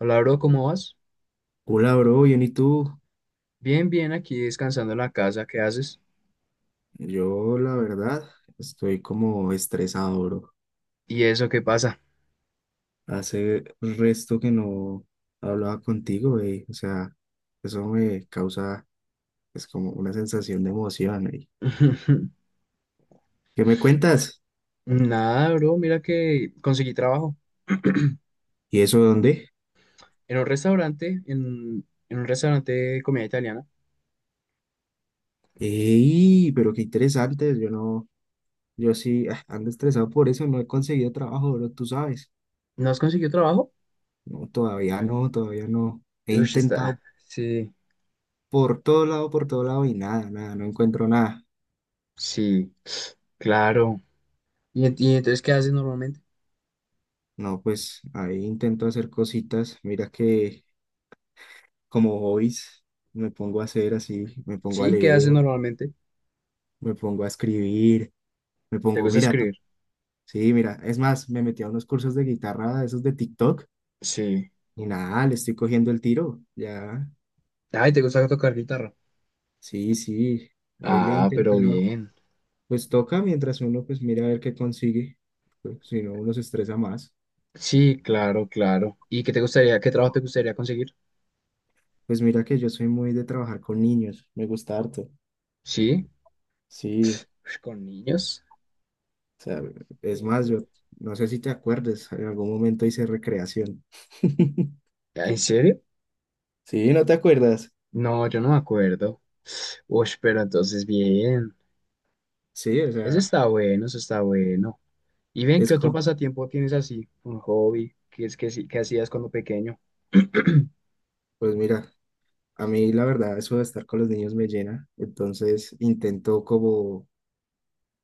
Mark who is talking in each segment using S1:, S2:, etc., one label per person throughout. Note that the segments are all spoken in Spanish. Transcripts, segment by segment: S1: Hola, bro, ¿cómo vas?
S2: Hola, bro, bien, ¿y tú?
S1: Bien, bien, aquí descansando en la casa, ¿qué haces?
S2: Yo, la verdad, estoy como estresado, bro.
S1: ¿Y eso qué pasa?
S2: Hace resto que no hablaba contigo, güey. O sea, eso me causa, es como una sensación de emoción, güey. ¿Qué me cuentas?
S1: Nada, bro, mira que conseguí trabajo
S2: ¿Y eso dónde?
S1: en un restaurante, en un restaurante de comida italiana.
S2: ¡Ey! Pero qué interesante. Yo no, yo sí ando estresado por eso. No he conseguido trabajo, bro, tú sabes.
S1: ¿No has conseguido trabajo?
S2: No, todavía no, todavía no. He
S1: Uy, está.
S2: intentado
S1: Sí,
S2: por todo lado y nada, nada, no encuentro nada.
S1: sí, claro. ¿Y, y entonces qué haces normalmente?
S2: No, pues ahí intento hacer cositas. Mira que como hobbies me pongo a hacer así, me pongo a
S1: Sí, ¿qué
S2: leer,
S1: haces normalmente?
S2: me pongo a escribir, me
S1: ¿Te
S2: pongo,
S1: gusta
S2: mira,
S1: escribir?
S2: sí, mira, es más, me metí a unos cursos de guitarra, esos de TikTok,
S1: Sí.
S2: y nada, le estoy cogiendo el tiro, ya,
S1: Ay, ¿te gusta tocar guitarra?
S2: sí, sí, ahí le he
S1: Ah, pero
S2: intentado.
S1: bien.
S2: Pues toca mientras uno pues mira a ver qué consigue, pues, si no uno se estresa más.
S1: Sí, claro, claro. ¿Y qué te gustaría, qué trabajo te gustaría conseguir?
S2: Pues mira que yo soy muy de trabajar con niños, me gusta harto,
S1: Sí.
S2: sí.
S1: Ush, ¿con niños?
S2: O sea, es más,
S1: Sí.
S2: yo no sé si te acuerdes, en algún momento hice recreación.
S1: ¿En serio?
S2: Sí, ¿no te acuerdas?
S1: No, yo no me acuerdo. Uy, pero entonces bien.
S2: Sí, o
S1: Eso
S2: sea,
S1: está bueno, eso está bueno. Y ven,
S2: es
S1: ¿qué otro
S2: como,
S1: pasatiempo tienes así? Un hobby. ¿Qué es que sí, que hacías cuando pequeño?
S2: pues mira, a mí la verdad eso de estar con los niños me llena, entonces intento como,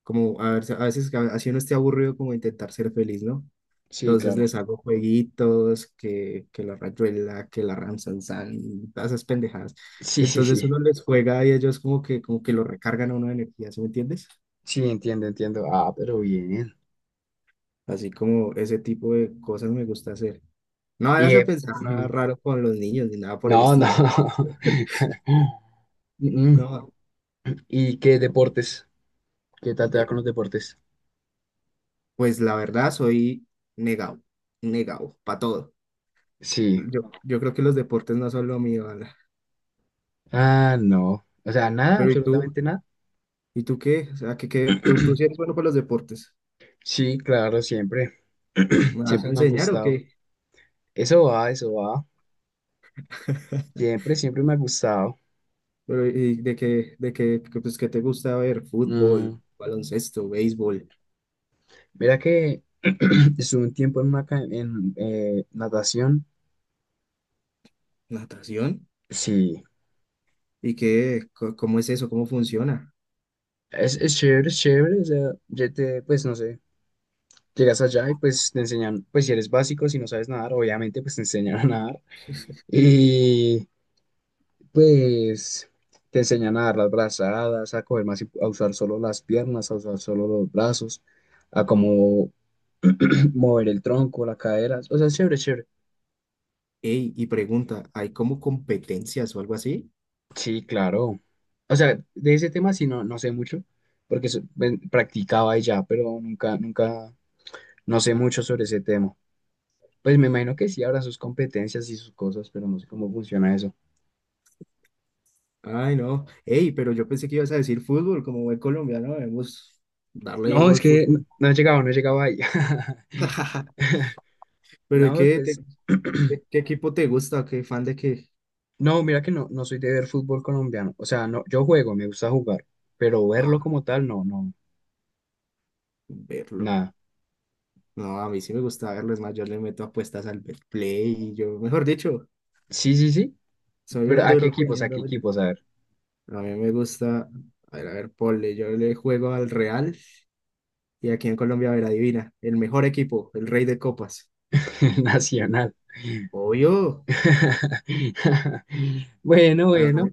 S2: como a ver, a veces así uno esté aburrido como intentar ser feliz, ¿no?
S1: Sí,
S2: Entonces
S1: claro.
S2: les hago jueguitos, que la rayuela, que la ramsansan, todas esas pendejadas.
S1: Sí, sí,
S2: Entonces
S1: sí.
S2: uno les juega y ellos como que lo recargan a uno de energía, ¿sí me entiendes?
S1: Sí, entiendo, entiendo. Ah, pero bien.
S2: Así como ese tipo de cosas me gusta hacer. No
S1: Y
S2: vayas a pensar nada
S1: mm,
S2: raro con los niños ni nada por el
S1: no,
S2: estilo.
S1: no. mm.
S2: No,
S1: ¿Y qué deportes? ¿Qué tal te va
S2: de,
S1: con los deportes?
S2: pues la verdad soy negado, negado, para todo.
S1: Sí.
S2: Yo creo que los deportes no son lo mío, Ana.
S1: Ah, no. O sea, nada,
S2: Pero ¿y tú?
S1: absolutamente nada.
S2: ¿Y tú qué? O sea, que tú sí eres bueno para los deportes.
S1: Sí, claro, siempre.
S2: ¿Me vas a
S1: Siempre me ha
S2: enseñar o qué?
S1: gustado. Eso va, eso va. Siempre, siempre me ha gustado.
S2: Pero, ¿y de qué, pues, qué te gusta ver?
S1: Mm,
S2: Fútbol, baloncesto, béisbol,
S1: mira que estuve un tiempo en, una, en natación.
S2: natación.
S1: Sí,
S2: ¿Y qué, cómo es eso? ¿Cómo funciona?
S1: es chévere, es chévere. O sea, ya te, pues no sé, llegas allá y pues te enseñan, pues si eres básico, si no sabes nadar, obviamente pues te enseñan a nadar. Y pues te enseñan a dar las brazadas, a coger más, a usar solo las piernas, a usar solo los brazos, a cómo mover el tronco, las caderas. O sea, es chévere, es chévere.
S2: Ey, y pregunta, ¿hay como competencias o algo así?
S1: Sí, claro. O sea, de ese tema sí no, no sé mucho, porque practicaba y ya, pero nunca, nunca, no sé mucho sobre ese tema. Pues me imagino que sí habrá sus competencias y sus cosas, pero no sé cómo funciona eso.
S2: Ay, no. Ey, pero yo pensé que ibas a decir fútbol, como buen colombiano debemos darle
S1: No,
S2: duro
S1: es
S2: al
S1: que no,
S2: fútbol.
S1: no he llegado, no he llegado ahí.
S2: Pero, ¿y
S1: No,
S2: qué,
S1: pues
S2: qué, qué equipo te gusta? ¿Qué fan de qué?
S1: no, mira que no, no soy de ver fútbol colombiano. O sea, no, yo juego, me gusta jugar, pero verlo
S2: Ah,
S1: como tal, no, no,
S2: verlo.
S1: nada.
S2: No, a mí sí me gusta verlo, es más, yo le meto apuestas al Betplay y yo, mejor dicho,
S1: Sí, sí, sí,
S2: soy
S1: pero
S2: un
S1: ¿a qué
S2: duro
S1: equipos? ¿A qué
S2: peleando. ¿Verdad?
S1: equipos? A ver,
S2: A mí me gusta, a ver, ponle, yo le juego al Real y aquí en Colombia, a ver, adivina, el mejor equipo, el rey de copas.
S1: Nacional.
S2: Obvio.
S1: Bueno,
S2: Ah,
S1: bueno,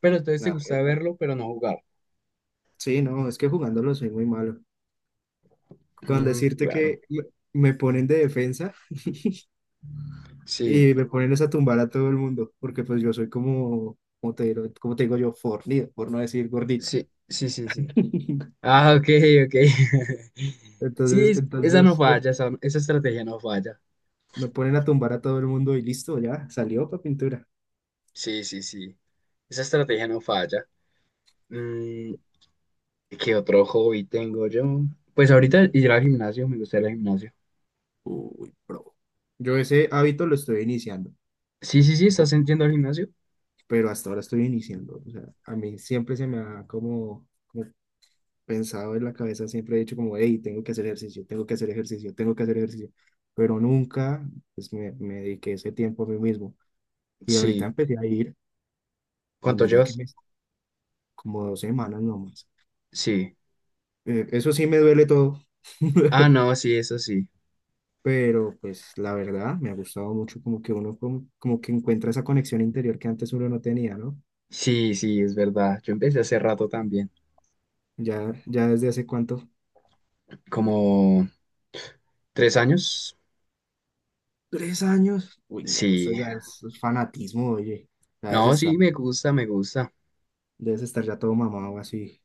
S1: pero entonces te
S2: la
S1: gusta
S2: regla.
S1: verlo, pero no jugar.
S2: Sí, no, es que jugándolo soy muy malo. Con decirte
S1: Claro,
S2: que me ponen de defensa
S1: sí,
S2: y me ponen es a tumbar a todo el mundo, porque pues yo soy como, como te digo yo, fornido, por no decir gordito.
S1: sí, sí, sí, sí. Ah, ok, ok. Sí,
S2: Entonces,
S1: esa no
S2: entonces me,
S1: falla, esa estrategia no falla.
S2: me ponen a tumbar a todo el mundo y listo, ya salió para pintura.
S1: Sí, sí, sí, esa estrategia no falla. Mm, ¿Qué otro hobby tengo yo? Pues ahorita ir al gimnasio, me gusta ir al gimnasio.
S2: Uy, bro. Yo ese hábito lo estoy iniciando,
S1: Sí, sí, sí, ¿estás yendo al gimnasio?
S2: pero hasta ahora estoy iniciando. O sea, a mí siempre se me ha como, pensado en la cabeza, siempre he dicho como, hey, tengo que hacer ejercicio, tengo que hacer ejercicio, tengo que hacer ejercicio, pero nunca pues, me dediqué ese tiempo a mí mismo. Y ahorita
S1: Sí.
S2: empecé a ir y
S1: ¿Cuánto
S2: mira
S1: llevas?
S2: como 2 semanas nomás.
S1: Sí.
S2: Eso sí me duele todo,
S1: Ah, no, sí, eso sí.
S2: pero pues la verdad me ha gustado mucho como que uno como, como que encuentra esa conexión interior que antes uno no tenía, ¿no?
S1: Sí, sí, es verdad. Yo empecé hace rato también.
S2: Ya desde hace cuánto,
S1: ¿Como 3 años?
S2: 3 años, uy, no, eso
S1: Sí.
S2: ya es fanatismo, oye, ya debes
S1: No,
S2: estar,
S1: sí, me gusta, me gusta.
S2: debes estar ya todo mamado así.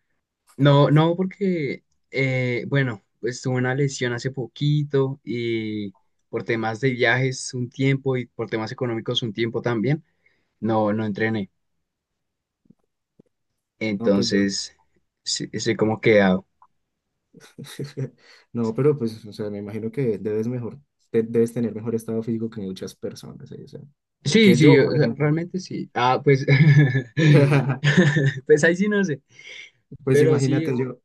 S1: No, no, porque, bueno, pues tuve una lesión hace poquito y por temas de viajes un tiempo y por temas económicos un tiempo también. No, no entrené.
S2: No, pues yo.
S1: Entonces, sí, sí, como que ah,
S2: No, pero pues, o sea, me imagino que debes tener mejor estado físico que muchas personas, ¿eh? O sea,
S1: sí,
S2: que
S1: sí,
S2: yo,
S1: o
S2: por
S1: sea,
S2: ejemplo.
S1: realmente sí. Ah, pues, pues ahí sí no sé,
S2: Pues
S1: pero sí,
S2: imagínate, yo,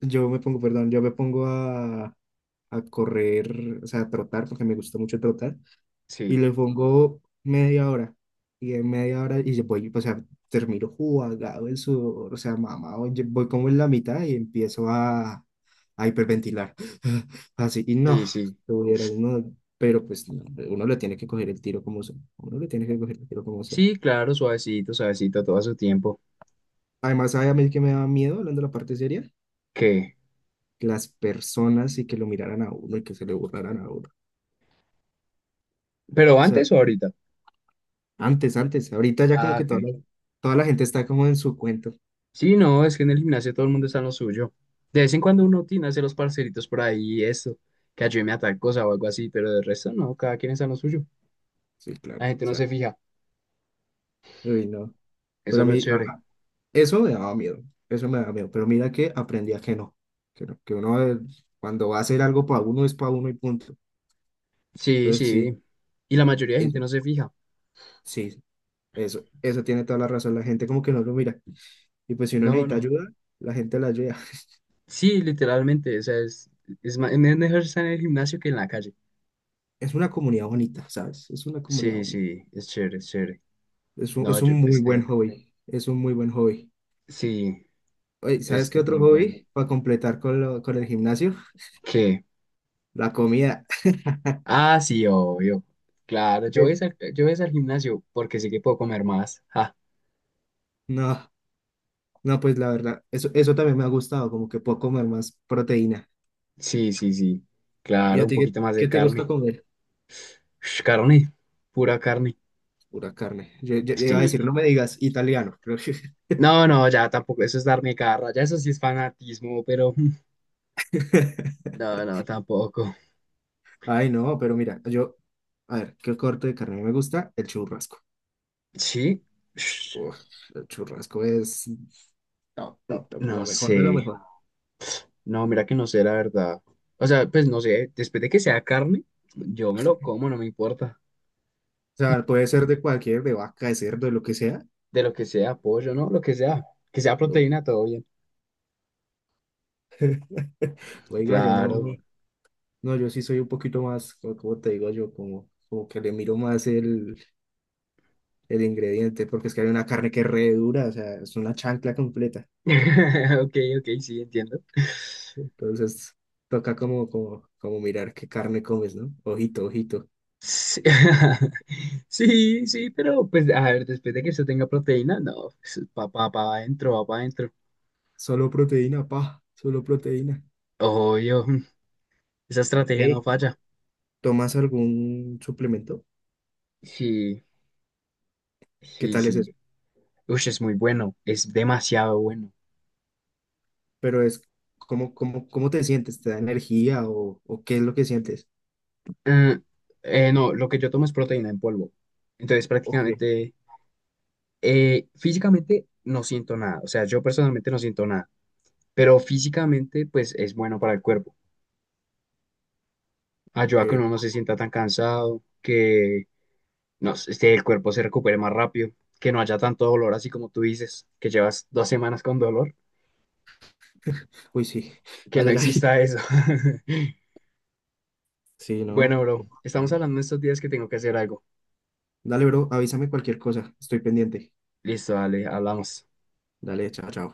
S2: yo me pongo, perdón, yo me pongo a correr, o sea, a trotar, porque me gusta mucho trotar. Y
S1: sí,
S2: le pongo media hora. Y en media hora, y yo voy, o sea, termino jugado en sudor, o sea, mamado, yo voy como en la mitad y empiezo a hiperventilar. Así, y no,
S1: sí, sí.
S2: lo hubieras, no, pero pues no, uno le tiene que coger el tiro como sea, uno le tiene que coger el tiro como sea.
S1: Sí, claro, suavecito, suavecito, todo a su tiempo.
S2: Además, ¿sabe a mí que me da miedo, hablando de la parte seria?
S1: ¿Qué?
S2: Que las personas y que lo miraran a uno y que se le burlaran a uno. O
S1: ¿Pero
S2: sea,
S1: antes o ahorita?
S2: antes, antes, ahorita ya como
S1: Ah,
S2: que toda
S1: ¿qué?
S2: la, toda la gente está como en su cuento.
S1: Sí, no, es que en el gimnasio todo el mundo está en lo suyo. De vez en cuando uno tiene hace los parceritos por ahí y eso, que ayúdeme a tal cosa o algo así, pero del resto no, cada quien está en lo suyo.
S2: Sí,
S1: La
S2: claro, o
S1: gente no
S2: sea.
S1: se fija,
S2: Uy, no.
S1: eso
S2: Pero a
S1: es lo
S2: mí,
S1: chévere.
S2: eso me daba miedo, eso me daba miedo. Pero mira que aprendí a que no, que uno cuando va a hacer algo para uno es para uno y punto.
S1: Sí,
S2: Entonces sí,
S1: sí, y la mayoría de gente
S2: eso,
S1: no se fija.
S2: sí, eso tiene toda la razón. La gente como que no lo mira. Y pues si uno
S1: No,
S2: necesita
S1: no.
S2: ayuda, la gente la ayuda.
S1: Sí, literalmente, o sea, es, es mejor estar en el gimnasio que en la calle.
S2: Es una comunidad bonita, ¿sabes? Es una comunidad
S1: Sí,
S2: bonita.
S1: sí, es chévere, es chévere.
S2: Es un,
S1: No,
S2: es
S1: yo
S2: un muy buen
S1: empecé.
S2: hobby, es un muy buen hobby.
S1: Sí,
S2: Oye, ¿sabes qué
S1: es
S2: otro
S1: muy bueno.
S2: hobby? Para completar con el gimnasio,
S1: ¿Qué?
S2: la comida.
S1: Ah, sí, obvio. Claro, yo voy al gimnasio porque sé que puedo comer más. Ah,
S2: No. No, pues la verdad, eso también me ha gustado, como que puedo comer más proteína.
S1: sí, sí, sí.
S2: ¿Y
S1: Claro,
S2: a
S1: un
S2: ti qué,
S1: poquito más de
S2: qué te gusta
S1: carne.
S2: comer?
S1: Ush, carne, pura carne.
S2: Pura carne. Yo iba a decir,
S1: Sí.
S2: no me digas italiano. Creo que-
S1: No, no, ya tampoco. Eso es darme garra. Ya eso sí es fanatismo, pero no, no, tampoco.
S2: Ay, no, pero mira, yo, a ver, ¿qué corte de carne me gusta? El churrasco.
S1: Sí. Ush,
S2: Uf, el churrasco es top, top, top, lo
S1: no
S2: mejor de lo
S1: sé.
S2: mejor. O
S1: No, mira que no sé, la verdad. O sea, pues no sé, después de que sea carne, yo me lo como, no me importa.
S2: sea, puede ser de cualquier, de vaca, de cerdo, de lo que sea.
S1: De lo que sea, pollo, ¿no? Lo que sea. Que sea
S2: Oh.
S1: proteína, todo bien.
S2: Oiga, yo
S1: Claro.
S2: no, no, yo sí soy un poquito más, como te digo yo, como, como que le miro más el ingrediente, porque es que hay una carne que es re dura, o sea, es una chancla completa.
S1: Ok, ok, sí, entiendo.
S2: Entonces, toca como mirar qué carne comes, ¿no? Ojito, ojito.
S1: Sí, sí, sí, pero pues a ver, después de que eso tenga proteína, no, pues, pa, pa, pa adentro, va para adentro.
S2: Solo proteína, pa, solo proteína.
S1: Obvio, esa estrategia no
S2: Ey,
S1: falla.
S2: ¿tomas algún suplemento?
S1: Sí,
S2: ¿Qué
S1: sí,
S2: tal es eso?
S1: sí. Uy, es muy bueno, es demasiado bueno.
S2: Pero es, ¿cómo te sientes? ¿Te da energía o qué es lo que sientes?
S1: Mm, no, lo que yo tomo es proteína en polvo. Entonces,
S2: Ok,
S1: prácticamente, físicamente no siento nada. O sea, yo personalmente no siento nada. Pero físicamente, pues es bueno para el cuerpo. Ayuda a que
S2: ok.
S1: uno no se sienta tan cansado, que no, sé, este, el cuerpo se recupere más rápido, que no haya tanto dolor, así como tú dices, que llevas 2 semanas con dolor,
S2: Uy, sí.
S1: que
S2: Ay,
S1: no
S2: ay, ay.
S1: exista eso.
S2: Sí,
S1: Bueno,
S2: no.
S1: bro,
S2: Ok.
S1: estamos hablando estos días que tengo que hacer algo.
S2: Dale, bro, avísame cualquier cosa. Estoy pendiente.
S1: Listo, dale, hablamos.
S2: Dale, chao, chao.